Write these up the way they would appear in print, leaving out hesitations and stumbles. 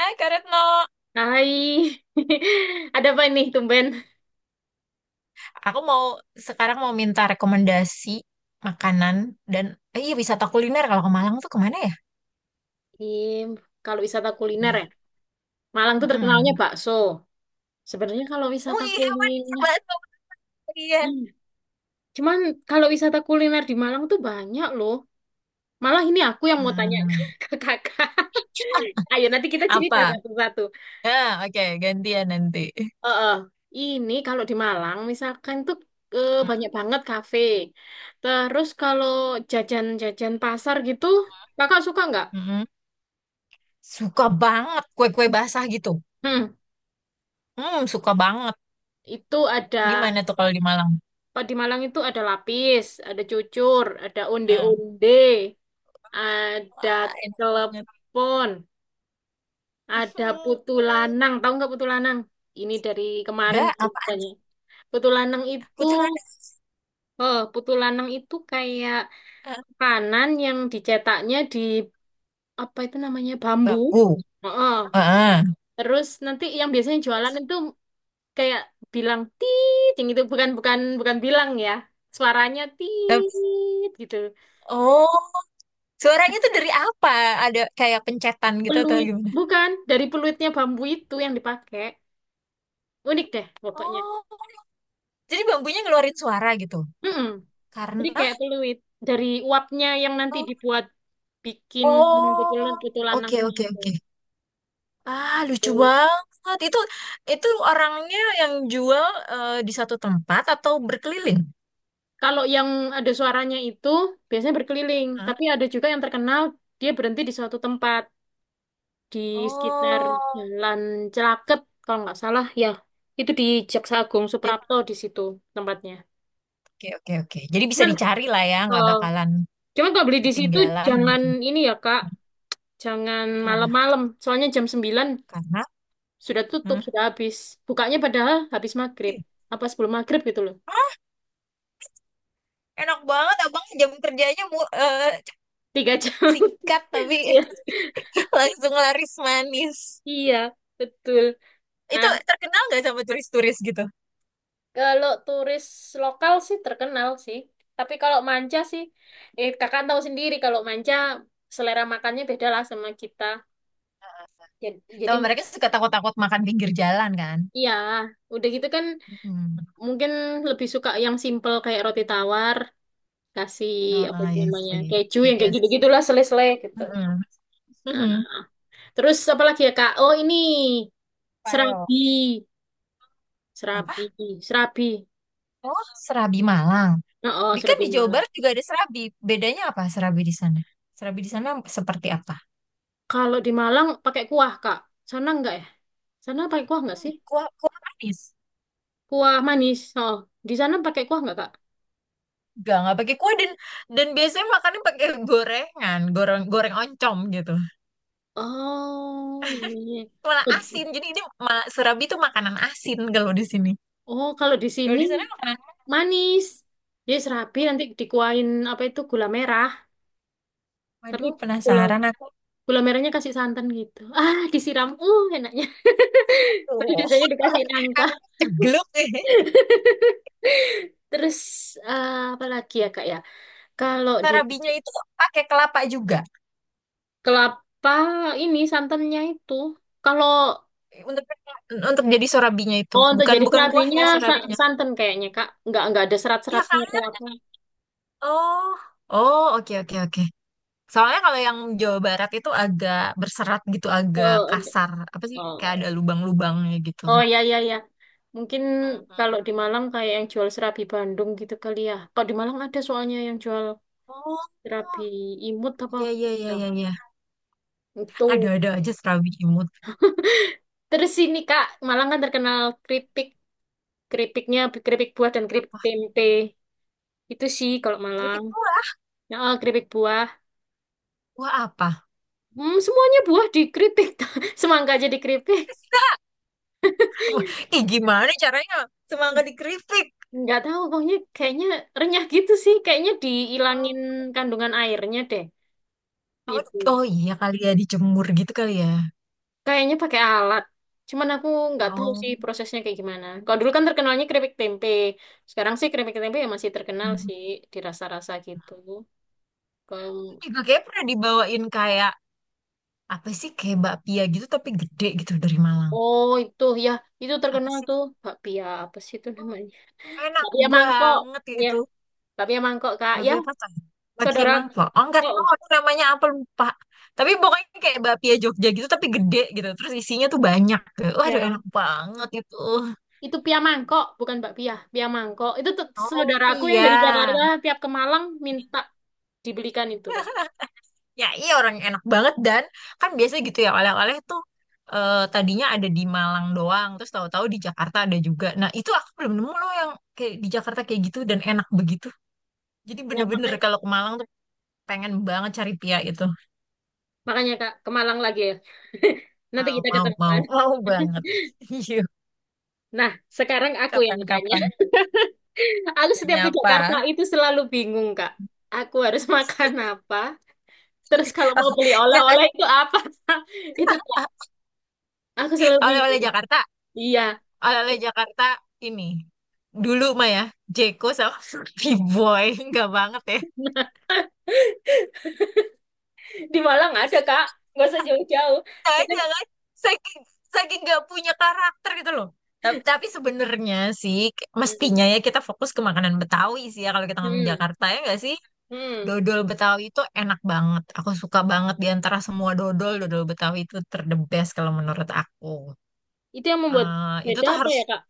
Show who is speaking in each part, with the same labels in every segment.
Speaker 1: Kak Retno,
Speaker 2: Hai, ada apa ini tumben?
Speaker 1: aku mau sekarang minta rekomendasi makanan dan iya wisata kuliner kalau ke Malang tuh kemana ya?
Speaker 2: Im, kalau wisata kuliner ya,
Speaker 1: Ya,
Speaker 2: Malang tuh terkenalnya
Speaker 1: mm-mm.
Speaker 2: bakso. Sebenarnya kalau
Speaker 1: Oh
Speaker 2: wisata
Speaker 1: iya, bener
Speaker 2: kuliner,
Speaker 1: banget sama dia.
Speaker 2: Hmm, cuman kalau wisata kuliner di Malang tuh banyak loh. Malah ini aku yang mau tanya
Speaker 1: Hmm.
Speaker 2: ke kakak. Ayo nanti kita cerita
Speaker 1: Apa?
Speaker 2: satu-satu.
Speaker 1: Ah, oke, gantian nanti.
Speaker 2: Eh, eh, ini kalau di Malang misalkan tuh banyak
Speaker 1: Hmm,
Speaker 2: banget kafe. Terus kalau jajan-jajan pasar gitu, kakak suka nggak?
Speaker 1: mm-mm. Suka banget kue-kue basah gitu.
Speaker 2: Hmm,
Speaker 1: Hmm, suka banget.
Speaker 2: itu ada.
Speaker 1: Di mana tuh kalau di Malang?
Speaker 2: Kalau di Malang itu ada lapis, ada cucur, ada
Speaker 1: Hmm.
Speaker 2: onde-onde, ada
Speaker 1: Wah, enak banget.
Speaker 2: telepon,
Speaker 1: Hmm.
Speaker 2: ada putu lanang. Tahu nggak putu lanang? Ini dari kemarin
Speaker 1: Enggak, apa?
Speaker 2: tanya. Putu lanang itu,
Speaker 1: Putri Mana?
Speaker 2: oh, putu lanang itu kayak
Speaker 1: Ah,
Speaker 2: kanan yang dicetaknya di apa itu namanya bambu.
Speaker 1: Baku.
Speaker 2: Oh.
Speaker 1: Ah, ah.
Speaker 2: Terus nanti yang biasanya jualan
Speaker 1: Terus?
Speaker 2: itu kayak bilang tiit, itu bukan bukan bukan bilang ya, suaranya
Speaker 1: Tapi-
Speaker 2: tiit gitu.
Speaker 1: oh. Suaranya tuh dari apa? Ada kayak pencetan gitu atau
Speaker 2: Peluit,
Speaker 1: gimana?
Speaker 2: bukan dari peluitnya bambu itu yang dipakai. Unik deh pokoknya.
Speaker 1: Oh, jadi bambunya ngeluarin suara gitu.
Speaker 2: Mm-mm. Jadi
Speaker 1: Karena
Speaker 2: kayak peluit dari uapnya yang nanti
Speaker 1: oh,
Speaker 2: dibuat bikin
Speaker 1: oh,
Speaker 2: betul-betul lanang
Speaker 1: oke oke
Speaker 2: itu.
Speaker 1: oke. Ah, lucu
Speaker 2: Oh.
Speaker 1: banget. Itu orangnya yang jual di satu tempat atau berkeliling?
Speaker 2: Kalau yang ada suaranya itu biasanya berkeliling,
Speaker 1: Hah?
Speaker 2: tapi ada juga yang terkenal dia berhenti di suatu tempat di sekitar
Speaker 1: Oh,
Speaker 2: Jalan Celaket kalau nggak salah ya. Itu di Jaksa Agung
Speaker 1: jadi-
Speaker 2: Suprapto di situ tempatnya.
Speaker 1: oke oke oke. Jadi bisa
Speaker 2: Cuman
Speaker 1: dicari lah ya, nggak
Speaker 2: kalau
Speaker 1: bakalan
Speaker 2: cuman kalau beli di situ
Speaker 1: ketinggalan
Speaker 2: jangan
Speaker 1: gitu.
Speaker 2: ini ya Kak, jangan
Speaker 1: Kenapa?
Speaker 2: malam-malam, soalnya jam 9
Speaker 1: Karena
Speaker 2: sudah tutup,
Speaker 1: hmm.
Speaker 2: sudah habis. Bukanya padahal habis maghrib.
Speaker 1: Ih,
Speaker 2: Apa sebelum maghrib gitu loh.
Speaker 1: ah, enak banget abang jam kerjanya mu,
Speaker 2: 3 jam.
Speaker 1: singkat tapi
Speaker 2: Iya,
Speaker 1: langsung laris manis.
Speaker 2: iya, betul.
Speaker 1: Itu
Speaker 2: Nah,
Speaker 1: terkenal nggak sama turis-turis gitu?
Speaker 2: kalau turis lokal sih terkenal sih. Tapi kalau manca sih, kakak tahu sendiri kalau manca selera makannya beda lah sama kita. Jadi,
Speaker 1: Sama mereka suka takut-takut makan pinggir jalan kan?
Speaker 2: iya, udah gitu kan
Speaker 1: Mm.
Speaker 2: mungkin lebih suka yang simple kayak roti tawar, kasih
Speaker 1: Oh,
Speaker 2: apa
Speaker 1: oh,
Speaker 2: itu
Speaker 1: ya
Speaker 2: namanya,
Speaker 1: sih.
Speaker 2: keju yang kayak
Speaker 1: Yes.
Speaker 2: gitu-gitulah, selai-selai gitu.
Speaker 1: Mm-mm. Mhm.
Speaker 2: Terus apa lagi ya Kak? Oh ini
Speaker 1: Payo.
Speaker 2: serabi,
Speaker 1: Apa?
Speaker 2: serabi, serabi.
Speaker 1: Oh, Serabi Malang.
Speaker 2: Oh, oh,
Speaker 1: Di kan
Speaker 2: serabi
Speaker 1: di Jawa
Speaker 2: Malang.
Speaker 1: Barat juga ada serabi. Bedanya apa serabi di sana? Serabi di sana seperti apa?
Speaker 2: Kalau di Malang pakai kuah Kak. Sana enggak ya? Sana pakai kuah enggak
Speaker 1: Hmm,
Speaker 2: sih?
Speaker 1: kuah, kuah manis.
Speaker 2: Kuah manis. Oh, di sana pakai kuah enggak Kak?
Speaker 1: Enggak, nggak pakai kuah dan biasanya makannya pakai gorengan, goreng goreng oncom gitu.
Speaker 2: Oh iya.
Speaker 1: Malah asin. Jadi ini malah surabi itu makanan asin kalau di sini.
Speaker 2: Oh kalau di
Speaker 1: Kalau
Speaker 2: sini
Speaker 1: di sana makanan.
Speaker 2: manis. Jadi serabi nanti dikuahin apa itu gula merah. Tapi
Speaker 1: Waduh,
Speaker 2: gula
Speaker 1: penasaran aku.
Speaker 2: gula merahnya kasih santan gitu. Ah disiram. Enaknya.
Speaker 1: Tuh,
Speaker 2: Tapi biasanya dikasih nangka.
Speaker 1: aku cegluk.
Speaker 2: Terus apa lagi ya Kak ya? Kalau di
Speaker 1: Surabinya itu pakai kelapa juga.
Speaker 2: kelapa ini santannya itu, kalau
Speaker 1: Untuk untuk jadi surabinya itu,
Speaker 2: oh untuk
Speaker 1: bukan
Speaker 2: jadi
Speaker 1: bukan kuahnya.
Speaker 2: serabinya
Speaker 1: Oh, gitu. Surabinya.
Speaker 2: santan kayaknya Kak, nggak ada
Speaker 1: Iya kan?
Speaker 2: serat-seratnya kelapa.
Speaker 1: Oh, oh, oke oke oke. Soalnya kalau yang Jawa Barat itu agak berserat gitu, agak
Speaker 2: Oh,
Speaker 1: kasar. Apa sih? Kayak ada
Speaker 2: oh,
Speaker 1: lubang-lubangnya gitu.
Speaker 2: oh ya ya ya. Mungkin kalau di
Speaker 1: Mhm.
Speaker 2: Malang kayak yang jual serabi Bandung gitu kali ya. Kalau di Malang ada soalnya yang jual
Speaker 1: Oh,
Speaker 2: serabi imut apa
Speaker 1: iya
Speaker 2: apa.
Speaker 1: iya iya
Speaker 2: Nah,
Speaker 1: iya. iya.
Speaker 2: itu.
Speaker 1: Ada aja serabi imut.
Speaker 2: Terus ini Kak, Malang kan terkenal keripik. Keripiknya keripik buah dan keripik
Speaker 1: Apa?
Speaker 2: tempe itu sih kalau Malang.
Speaker 1: Keripik tua.
Speaker 2: Nah, keripik buah,
Speaker 1: Wah apa?
Speaker 2: semuanya buah di keripik. Semangka aja di keripik.
Speaker 1: Ih, gimana caranya? Semangka dikritik.
Speaker 2: Nggak tahu pokoknya kayaknya renyah gitu sih, kayaknya dihilangin kandungan airnya deh.
Speaker 1: Oh,
Speaker 2: Itu
Speaker 1: oh iya kali ya dijemur gitu kali ya.
Speaker 2: kayaknya pakai alat, cuman aku nggak tahu
Speaker 1: Oh.
Speaker 2: sih prosesnya kayak gimana. Kalau dulu kan terkenalnya keripik tempe, sekarang sih keripik tempe ya masih terkenal
Speaker 1: Hmm.
Speaker 2: sih di rasa-rasa gitu. Kalau
Speaker 1: Juga kayak pernah dibawain kayak apa sih kayak bakpia gitu tapi gede gitu dari Malang.
Speaker 2: oh itu ya, itu
Speaker 1: Apa
Speaker 2: terkenal
Speaker 1: sih?
Speaker 2: tuh bakpia apa sih itu
Speaker 1: Oh,
Speaker 2: namanya.
Speaker 1: enak
Speaker 2: Bakpia mangkok,
Speaker 1: banget
Speaker 2: ya.
Speaker 1: itu.
Speaker 2: Bakpia mangkok, Kak. Ya,
Speaker 1: Bakpia apa tuh? Bakpia
Speaker 2: saudara.
Speaker 1: mangkok. Oh enggak
Speaker 2: Oh,
Speaker 1: tahu aku namanya apa lupa. Tapi pokoknya kayak bakpia Jogja gitu tapi gede gitu. Terus isinya tuh banyak. Waduh
Speaker 2: ya.
Speaker 1: enak banget itu.
Speaker 2: Itu pia mangkok, bukan bakpia. Pia mangkok. Itu tuh
Speaker 1: Oh,
Speaker 2: saudaraku yang dari
Speaker 1: pia.
Speaker 2: Jakarta tiap ke Malang minta dibelikan itu, Mas.
Speaker 1: Ya iya orang yang enak banget dan kan biasa gitu ya oleh-oleh tuh tadinya ada di Malang doang terus tahu-tahu di Jakarta ada juga. Nah itu aku belum nemu loh yang kayak di Jakarta kayak gitu dan enak begitu. Jadi
Speaker 2: Ya,
Speaker 1: bener-bener
Speaker 2: makanya,
Speaker 1: kalau ke Malang tuh pengen banget cari pia itu.
Speaker 2: makanya Kak, ke Malang lagi ya. Nanti
Speaker 1: Mau
Speaker 2: kita
Speaker 1: mau
Speaker 2: ketemuan.
Speaker 1: mau mau banget. Yuk
Speaker 2: Nah, sekarang aku yang tanya.
Speaker 1: kapan-kapan
Speaker 2: Aku setiap
Speaker 1: nanya
Speaker 2: di
Speaker 1: apa?
Speaker 2: Jakarta itu selalu bingung, Kak. Aku harus makan apa? Terus kalau mau beli
Speaker 1: Jakarta
Speaker 2: oleh-oleh itu apa? Itu, Kak. Aku selalu
Speaker 1: oleh-oleh
Speaker 2: bingung.
Speaker 1: Jakarta
Speaker 2: Iya.
Speaker 1: oleh-oleh Jakarta ini dulu mah ya Jeko sama Fruity Boy nggak banget ya.
Speaker 2: Di Malang ada, Kak. Nggak usah jauh-jauh.
Speaker 1: Nggak
Speaker 2: Jadi,
Speaker 1: ada kan saking saking nggak punya karakter gitu loh. Ta- tapi sebenarnya sih k-
Speaker 2: Hmm.
Speaker 1: mestinya ya kita fokus ke makanan Betawi sih ya kalau kita ngomong
Speaker 2: Hmm.
Speaker 1: Jakarta ya nggak sih.
Speaker 2: Hmm.
Speaker 1: Dodol Betawi itu enak banget, aku suka banget, di antara semua dodol dodol Betawi itu terdebes kalau menurut aku.
Speaker 2: Itu yang membuat
Speaker 1: Itu
Speaker 2: beda
Speaker 1: tuh
Speaker 2: apa
Speaker 1: harus
Speaker 2: ya, Kak?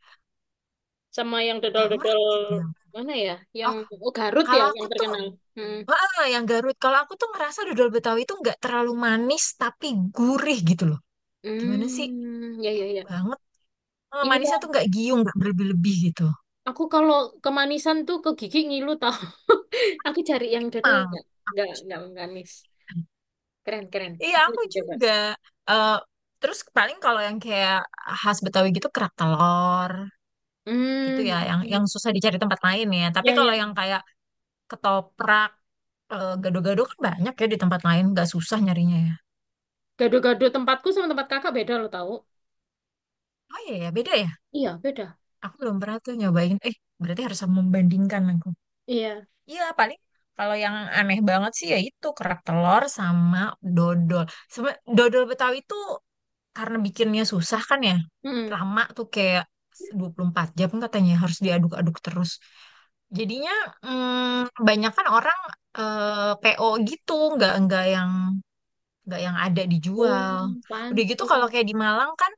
Speaker 2: Sama yang
Speaker 1: nggak
Speaker 2: dodol-dodol
Speaker 1: ngerti Bang.
Speaker 2: mana ya? Yang
Speaker 1: Oh
Speaker 2: oh, Garut ya
Speaker 1: kalau
Speaker 2: yang
Speaker 1: aku tuh
Speaker 2: terkenal. Hmm.
Speaker 1: ah, yang Garut kalau aku tuh ngerasa dodol Betawi itu nggak terlalu manis tapi gurih gitu loh, gimana sih,
Speaker 2: Hmm. Ya, ya, ya.
Speaker 1: banget
Speaker 2: Iya,
Speaker 1: manisnya tuh
Speaker 2: ya.
Speaker 1: nggak giung nggak berlebih-lebih gitu.
Speaker 2: Aku kalau kemanisan tuh ke gigi ngilu tau. Aku cari yang dodol
Speaker 1: Emang,
Speaker 2: nggak manis. Keren, keren.
Speaker 1: iya
Speaker 2: Itu
Speaker 1: aku
Speaker 2: dicoba.
Speaker 1: juga. Eh, Terus paling kalau yang kayak khas Betawi gitu kerak telur gitu
Speaker 2: Hmm.
Speaker 1: ya, yang
Speaker 2: Hmm.
Speaker 1: susah dicari tempat lain ya. Tapi
Speaker 2: Ya,
Speaker 1: kalau
Speaker 2: ya.
Speaker 1: yang kayak ketoprak, gado-gado kan banyak ya di tempat lain, nggak susah nyarinya ya.
Speaker 2: Gado-gado tempatku sama tempat kakak beda lo tau.
Speaker 1: Oh iya ya, beda ya.
Speaker 2: Iya, beda.
Speaker 1: Aku belum pernah tuh nyobain. Berarti harus membandingkan aku.
Speaker 2: Iya.
Speaker 1: Iya, paling kalau yang aneh banget sih ya itu kerak telur sama dodol. Sama dodol Betawi itu karena bikinnya susah kan ya.
Speaker 2: Mm-mm.
Speaker 1: Lama tuh kayak 24 jam katanya harus diaduk-aduk terus. Jadinya banyak kan orang PO gitu, nggak yang ada
Speaker 2: Oh,
Speaker 1: dijual. Udah gitu kalau
Speaker 2: pantes.
Speaker 1: kayak di Malang kan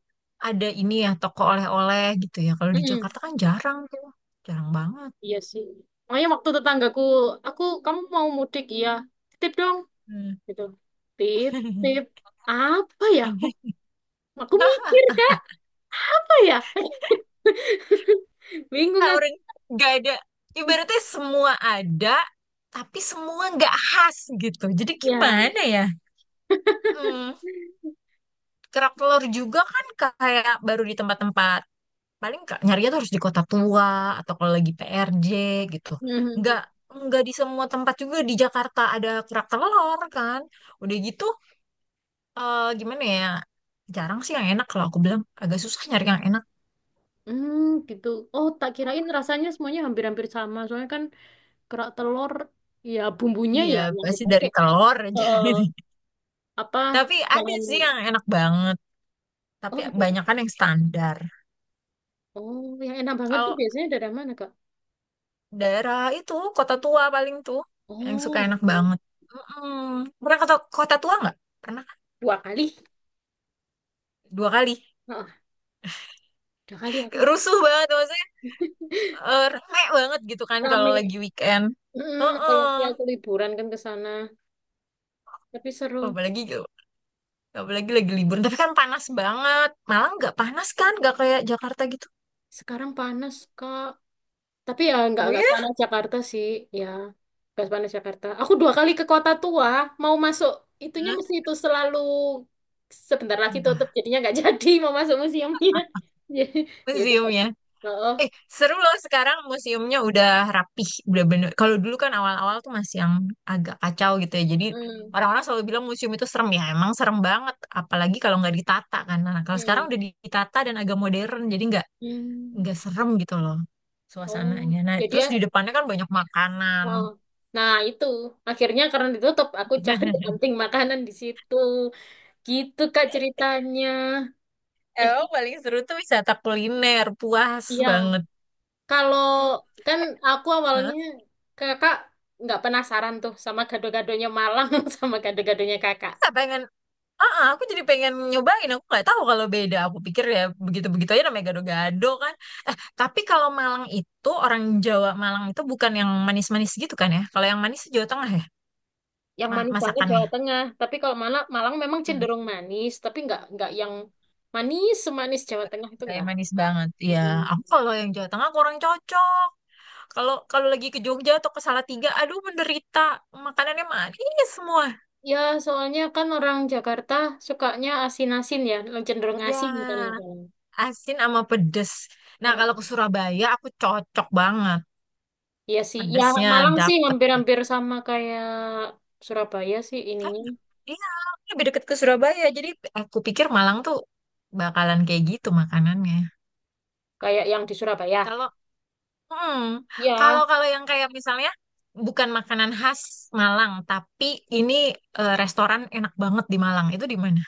Speaker 1: ada ini ya toko oleh-oleh gitu ya. Kalau di
Speaker 2: Mm-mm.
Speaker 1: Jakarta kan jarang tuh, jarang banget.
Speaker 2: Iya sih. Makanya waktu tetanggaku, aku kamu mau mudik iya, titip dong,
Speaker 1: Hmm.
Speaker 2: gitu. Titip apa ya? Aku,
Speaker 1: Nah,
Speaker 2: mikir kak, apa ya? Bingung aku.
Speaker 1: orang nggak ada. Ibaratnya semua ada, tapi semua nggak khas gitu. Jadi
Speaker 2: Ya.
Speaker 1: gimana ya? Hmm, kerak telur juga kan kayak baru di tempat-tempat paling ka- nyarinya tuh harus di kota tua atau kalau lagi PRJ gitu. Nggak
Speaker 2: Mhm.
Speaker 1: nggak di semua tempat juga di Jakarta ada kerak telur kan. Udah gitu gimana ya? Jarang sih yang enak kalau aku bilang agak susah nyari yang enak.
Speaker 2: Hmm, gitu. Oh, tak kirain rasanya semuanya hampir-hampir sama. Soalnya kan kerak telur, ya bumbunya
Speaker 1: Iya,
Speaker 2: ya yang
Speaker 1: pasti dari
Speaker 2: dipakai.
Speaker 1: telur aja.
Speaker 2: Eh, apa
Speaker 1: Tapi ada
Speaker 2: bahan?
Speaker 1: sih yang enak banget.
Speaker 2: Oh,
Speaker 1: Tapi
Speaker 2: ada
Speaker 1: banyak
Speaker 2: Kak.
Speaker 1: kan yang standar.
Speaker 2: Oh, yang enak banget tuh
Speaker 1: Kalau
Speaker 2: biasanya dari mana kak?
Speaker 1: daerah itu, kota tua paling tuh. Yang suka
Speaker 2: Oh,
Speaker 1: enak
Speaker 2: gitu.
Speaker 1: banget. Mm-mm. Pernah ke to- kota tua nggak? Pernah kan?
Speaker 2: 2 kali.
Speaker 1: Dua kali.
Speaker 2: Heeh, 2 kali aku
Speaker 1: Rusuh banget maksudnya. Rame banget gitu kan kalau
Speaker 2: rame.
Speaker 1: lagi weekend.
Speaker 2: Apalagi
Speaker 1: Heeh.
Speaker 2: aku liburan kan ke sana, tapi seru.
Speaker 1: Apalagi gitu, apalagi lagi libur. Tapi kan panas banget. Malang nggak panas kan? Nggak kayak Jakarta gitu.
Speaker 2: Sekarang panas kak, tapi ya nggak
Speaker 1: Oh
Speaker 2: nggak
Speaker 1: ya?
Speaker 2: panas Jakarta sih. Ya, nggak panas Jakarta. Aku 2 kali ke kota tua, mau masuk itunya
Speaker 1: Hah?
Speaker 2: mesti itu selalu sebentar lagi tutup
Speaker 1: Apa?
Speaker 2: jadinya nggak jadi mau masuk museumnya ya ya udah
Speaker 1: Museumnya.
Speaker 2: oh, oh.
Speaker 1: Eh, Seru loh sekarang museumnya udah rapih, udah bener. Kalau dulu kan awal-awal tuh masih yang agak kacau gitu ya. Jadi
Speaker 2: Hmm.
Speaker 1: orang-orang selalu bilang museum itu serem ya. Emang serem banget, apalagi kalau nggak ditata kan. Nah, kalau sekarang
Speaker 2: Hmm.
Speaker 1: udah ditata dan agak modern, jadi nggak
Speaker 2: Hmm.
Speaker 1: nggak serem gitu loh
Speaker 2: Oh
Speaker 1: suasananya. Nah,
Speaker 2: jadi ya,
Speaker 1: terus di depannya kan banyak makanan.
Speaker 2: wow. Nah, itu akhirnya karena ditutup, aku cari kanting makanan di situ. Gitu, Kak, ceritanya. Eh,
Speaker 1: Emang paling seru tuh wisata kuliner, puas
Speaker 2: iya.
Speaker 1: banget.
Speaker 2: Kalau
Speaker 1: Hmm.
Speaker 2: kan
Speaker 1: Eh,
Speaker 2: aku
Speaker 1: hah?
Speaker 2: awalnya kakak nggak penasaran tuh sama gado-gadonya Malang sama gado-gadonya kakak.
Speaker 1: Kita pengen ah, ah, aku jadi pengen nyobain. Aku nggak tahu kalau beda. Aku pikir ya begitu-begitu aja namanya gado-gado kan. Tapi kalau Malang itu orang Jawa Malang itu bukan yang manis-manis gitu kan ya? Kalau yang manis Jawa Tengah ya
Speaker 2: Yang
Speaker 1: ma-
Speaker 2: manis banget Jawa
Speaker 1: masakannya.
Speaker 2: Tengah. Tapi kalau Malang, memang
Speaker 1: Hmm,
Speaker 2: cenderung manis, tapi nggak yang manis semanis Jawa Tengah itu
Speaker 1: nggak yang
Speaker 2: nggak.
Speaker 1: manis
Speaker 2: Nggak.
Speaker 1: banget. Ya,
Speaker 2: Mm-mm.
Speaker 1: aku kalau yang Jawa Tengah kurang cocok. Kalau kalau lagi ke Jogja atau ke Salatiga, aduh menderita. Makanannya manis semua.
Speaker 2: Ya, soalnya kan orang Jakarta sukanya asin-asin ya, cenderung asin kan
Speaker 1: Ya,
Speaker 2: makanan.
Speaker 1: asin sama pedes. Nah,
Speaker 2: Heeh.
Speaker 1: kalau ke Surabaya aku cocok banget.
Speaker 2: Iya sih, ya
Speaker 1: Pedesnya
Speaker 2: Malang sih
Speaker 1: dapet.
Speaker 2: hampir-hampir sama kayak Surabaya sih
Speaker 1: Kan
Speaker 2: ininya,
Speaker 1: iya, ini lebih deket ke Surabaya. Jadi aku pikir Malang tuh bakalan kayak gitu makanannya.
Speaker 2: kayak yang di Surabaya.
Speaker 1: Kalau hmm,
Speaker 2: Ya,
Speaker 1: kalau kalau yang kayak misalnya bukan makanan khas Malang, tapi ini restoran enak banget di Malang. Itu di mana?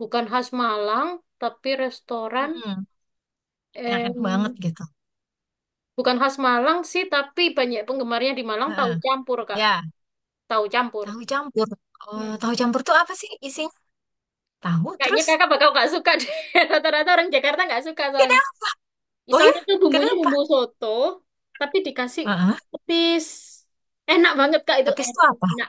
Speaker 2: bukan khas Malang, tapi restoran,
Speaker 1: Mm-mm, yang
Speaker 2: eh,
Speaker 1: enak banget gitu.
Speaker 2: bukan khas Malang sih, tapi banyak penggemarnya di Malang tahu
Speaker 1: Heeh.
Speaker 2: campur, Kak.
Speaker 1: Ya,
Speaker 2: Tahu campur.
Speaker 1: tahu campur. Oh,
Speaker 2: Hmm.
Speaker 1: tahu campur tuh apa sih isinya? Tahu
Speaker 2: Kayaknya
Speaker 1: terus
Speaker 2: kakak bakal gak suka deh. Rata-rata orang Jakarta gak suka soalnya.
Speaker 1: kenapa? Oh ya,
Speaker 2: Misalnya tuh bumbunya
Speaker 1: kenapa?
Speaker 2: bumbu soto, tapi dikasih
Speaker 1: Heeh.
Speaker 2: petis. Enak banget Kak itu
Speaker 1: Petis tuh apa?
Speaker 2: enak.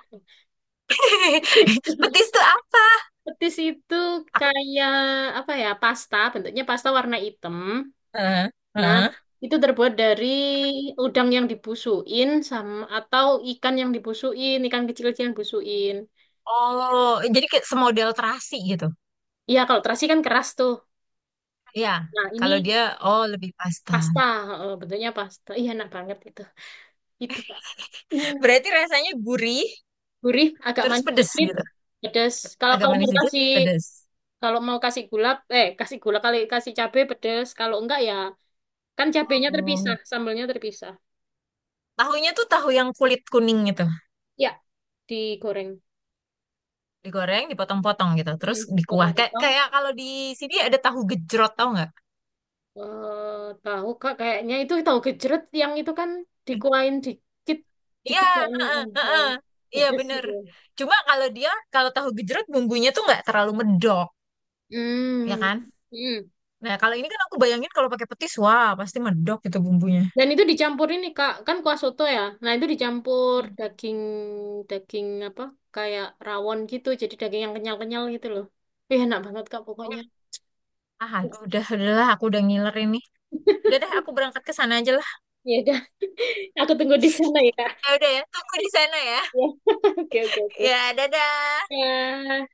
Speaker 2: Petis,
Speaker 1: Petis tuh apa?
Speaker 2: petis itu
Speaker 1: Aku,
Speaker 2: kayak apa ya? Pasta, bentuknya pasta warna hitam.
Speaker 1: heeh.
Speaker 2: Nah,
Speaker 1: Heeh.
Speaker 2: itu terbuat dari udang yang dibusuin sama atau ikan yang dibusuin, ikan kecil-kecil yang dibusuin.
Speaker 1: Oh, jadi kayak semodel terasi gitu.
Speaker 2: Iya, kalau terasi kan keras tuh.
Speaker 1: Iya,
Speaker 2: Nah, ini
Speaker 1: kalau dia oh lebih pasta.
Speaker 2: pasta, bentuknya pasta. Iya, enak banget itu. Itu Kak. Hmm.
Speaker 1: Berarti rasanya gurih,
Speaker 2: Gurih, agak
Speaker 1: terus
Speaker 2: manis
Speaker 1: pedes
Speaker 2: dikit,
Speaker 1: gitu.
Speaker 2: pedes. Kalau
Speaker 1: Agak manis sedikit, pedes.
Speaker 2: kalau mau kasih gula, kasih gula kali kasih cabe pedes. Kalau enggak ya kan cabenya
Speaker 1: Oh.
Speaker 2: terpisah, sambelnya terpisah.
Speaker 1: Tahunya tuh tahu yang kulit kuning gitu.
Speaker 2: Ya, digoreng.
Speaker 1: Digoreng, dipotong-potong gitu. Terus
Speaker 2: Hmm,
Speaker 1: dikuah. Kayak,
Speaker 2: potong-potong.
Speaker 1: kayak kalau di sini ada tahu gejrot, tau nggak?
Speaker 2: Tahu kak kayaknya itu tahu gejrot yang itu kan dikuain dikit
Speaker 1: Iya,
Speaker 2: dikit kayak ini,
Speaker 1: heeh,
Speaker 2: tahu
Speaker 1: heeh. Iya
Speaker 2: pedes
Speaker 1: bener.
Speaker 2: gitu.
Speaker 1: Cuma kalau dia, kalau tahu gejrot bumbunya tuh nggak terlalu medok, ya
Speaker 2: Hmm.
Speaker 1: kan?
Speaker 2: Hmm.
Speaker 1: Nah, kalau ini kan aku bayangin kalau pakai petis, wah pasti medok gitu bumbunya.
Speaker 2: Dan itu dicampur ini Kak, kan kuah soto ya. Nah, itu dicampur
Speaker 1: Hmm.
Speaker 2: daging daging apa? Kayak rawon gitu, jadi daging yang kenyal-kenyal gitu loh. Ih, enak banget Kak pokoknya.
Speaker 1: Ah,
Speaker 2: Uh,
Speaker 1: aduh, udah lah, aku udah ngiler ini. Udah deh, aku berangkat ke sana aja lah.
Speaker 2: Ya udah, aku tunggu di sana ya Kak.
Speaker 1: Ya udah ya, aku di sana ya.
Speaker 2: Ya. Oke, oke, oke.
Speaker 1: Ya, dadah.
Speaker 2: Ya.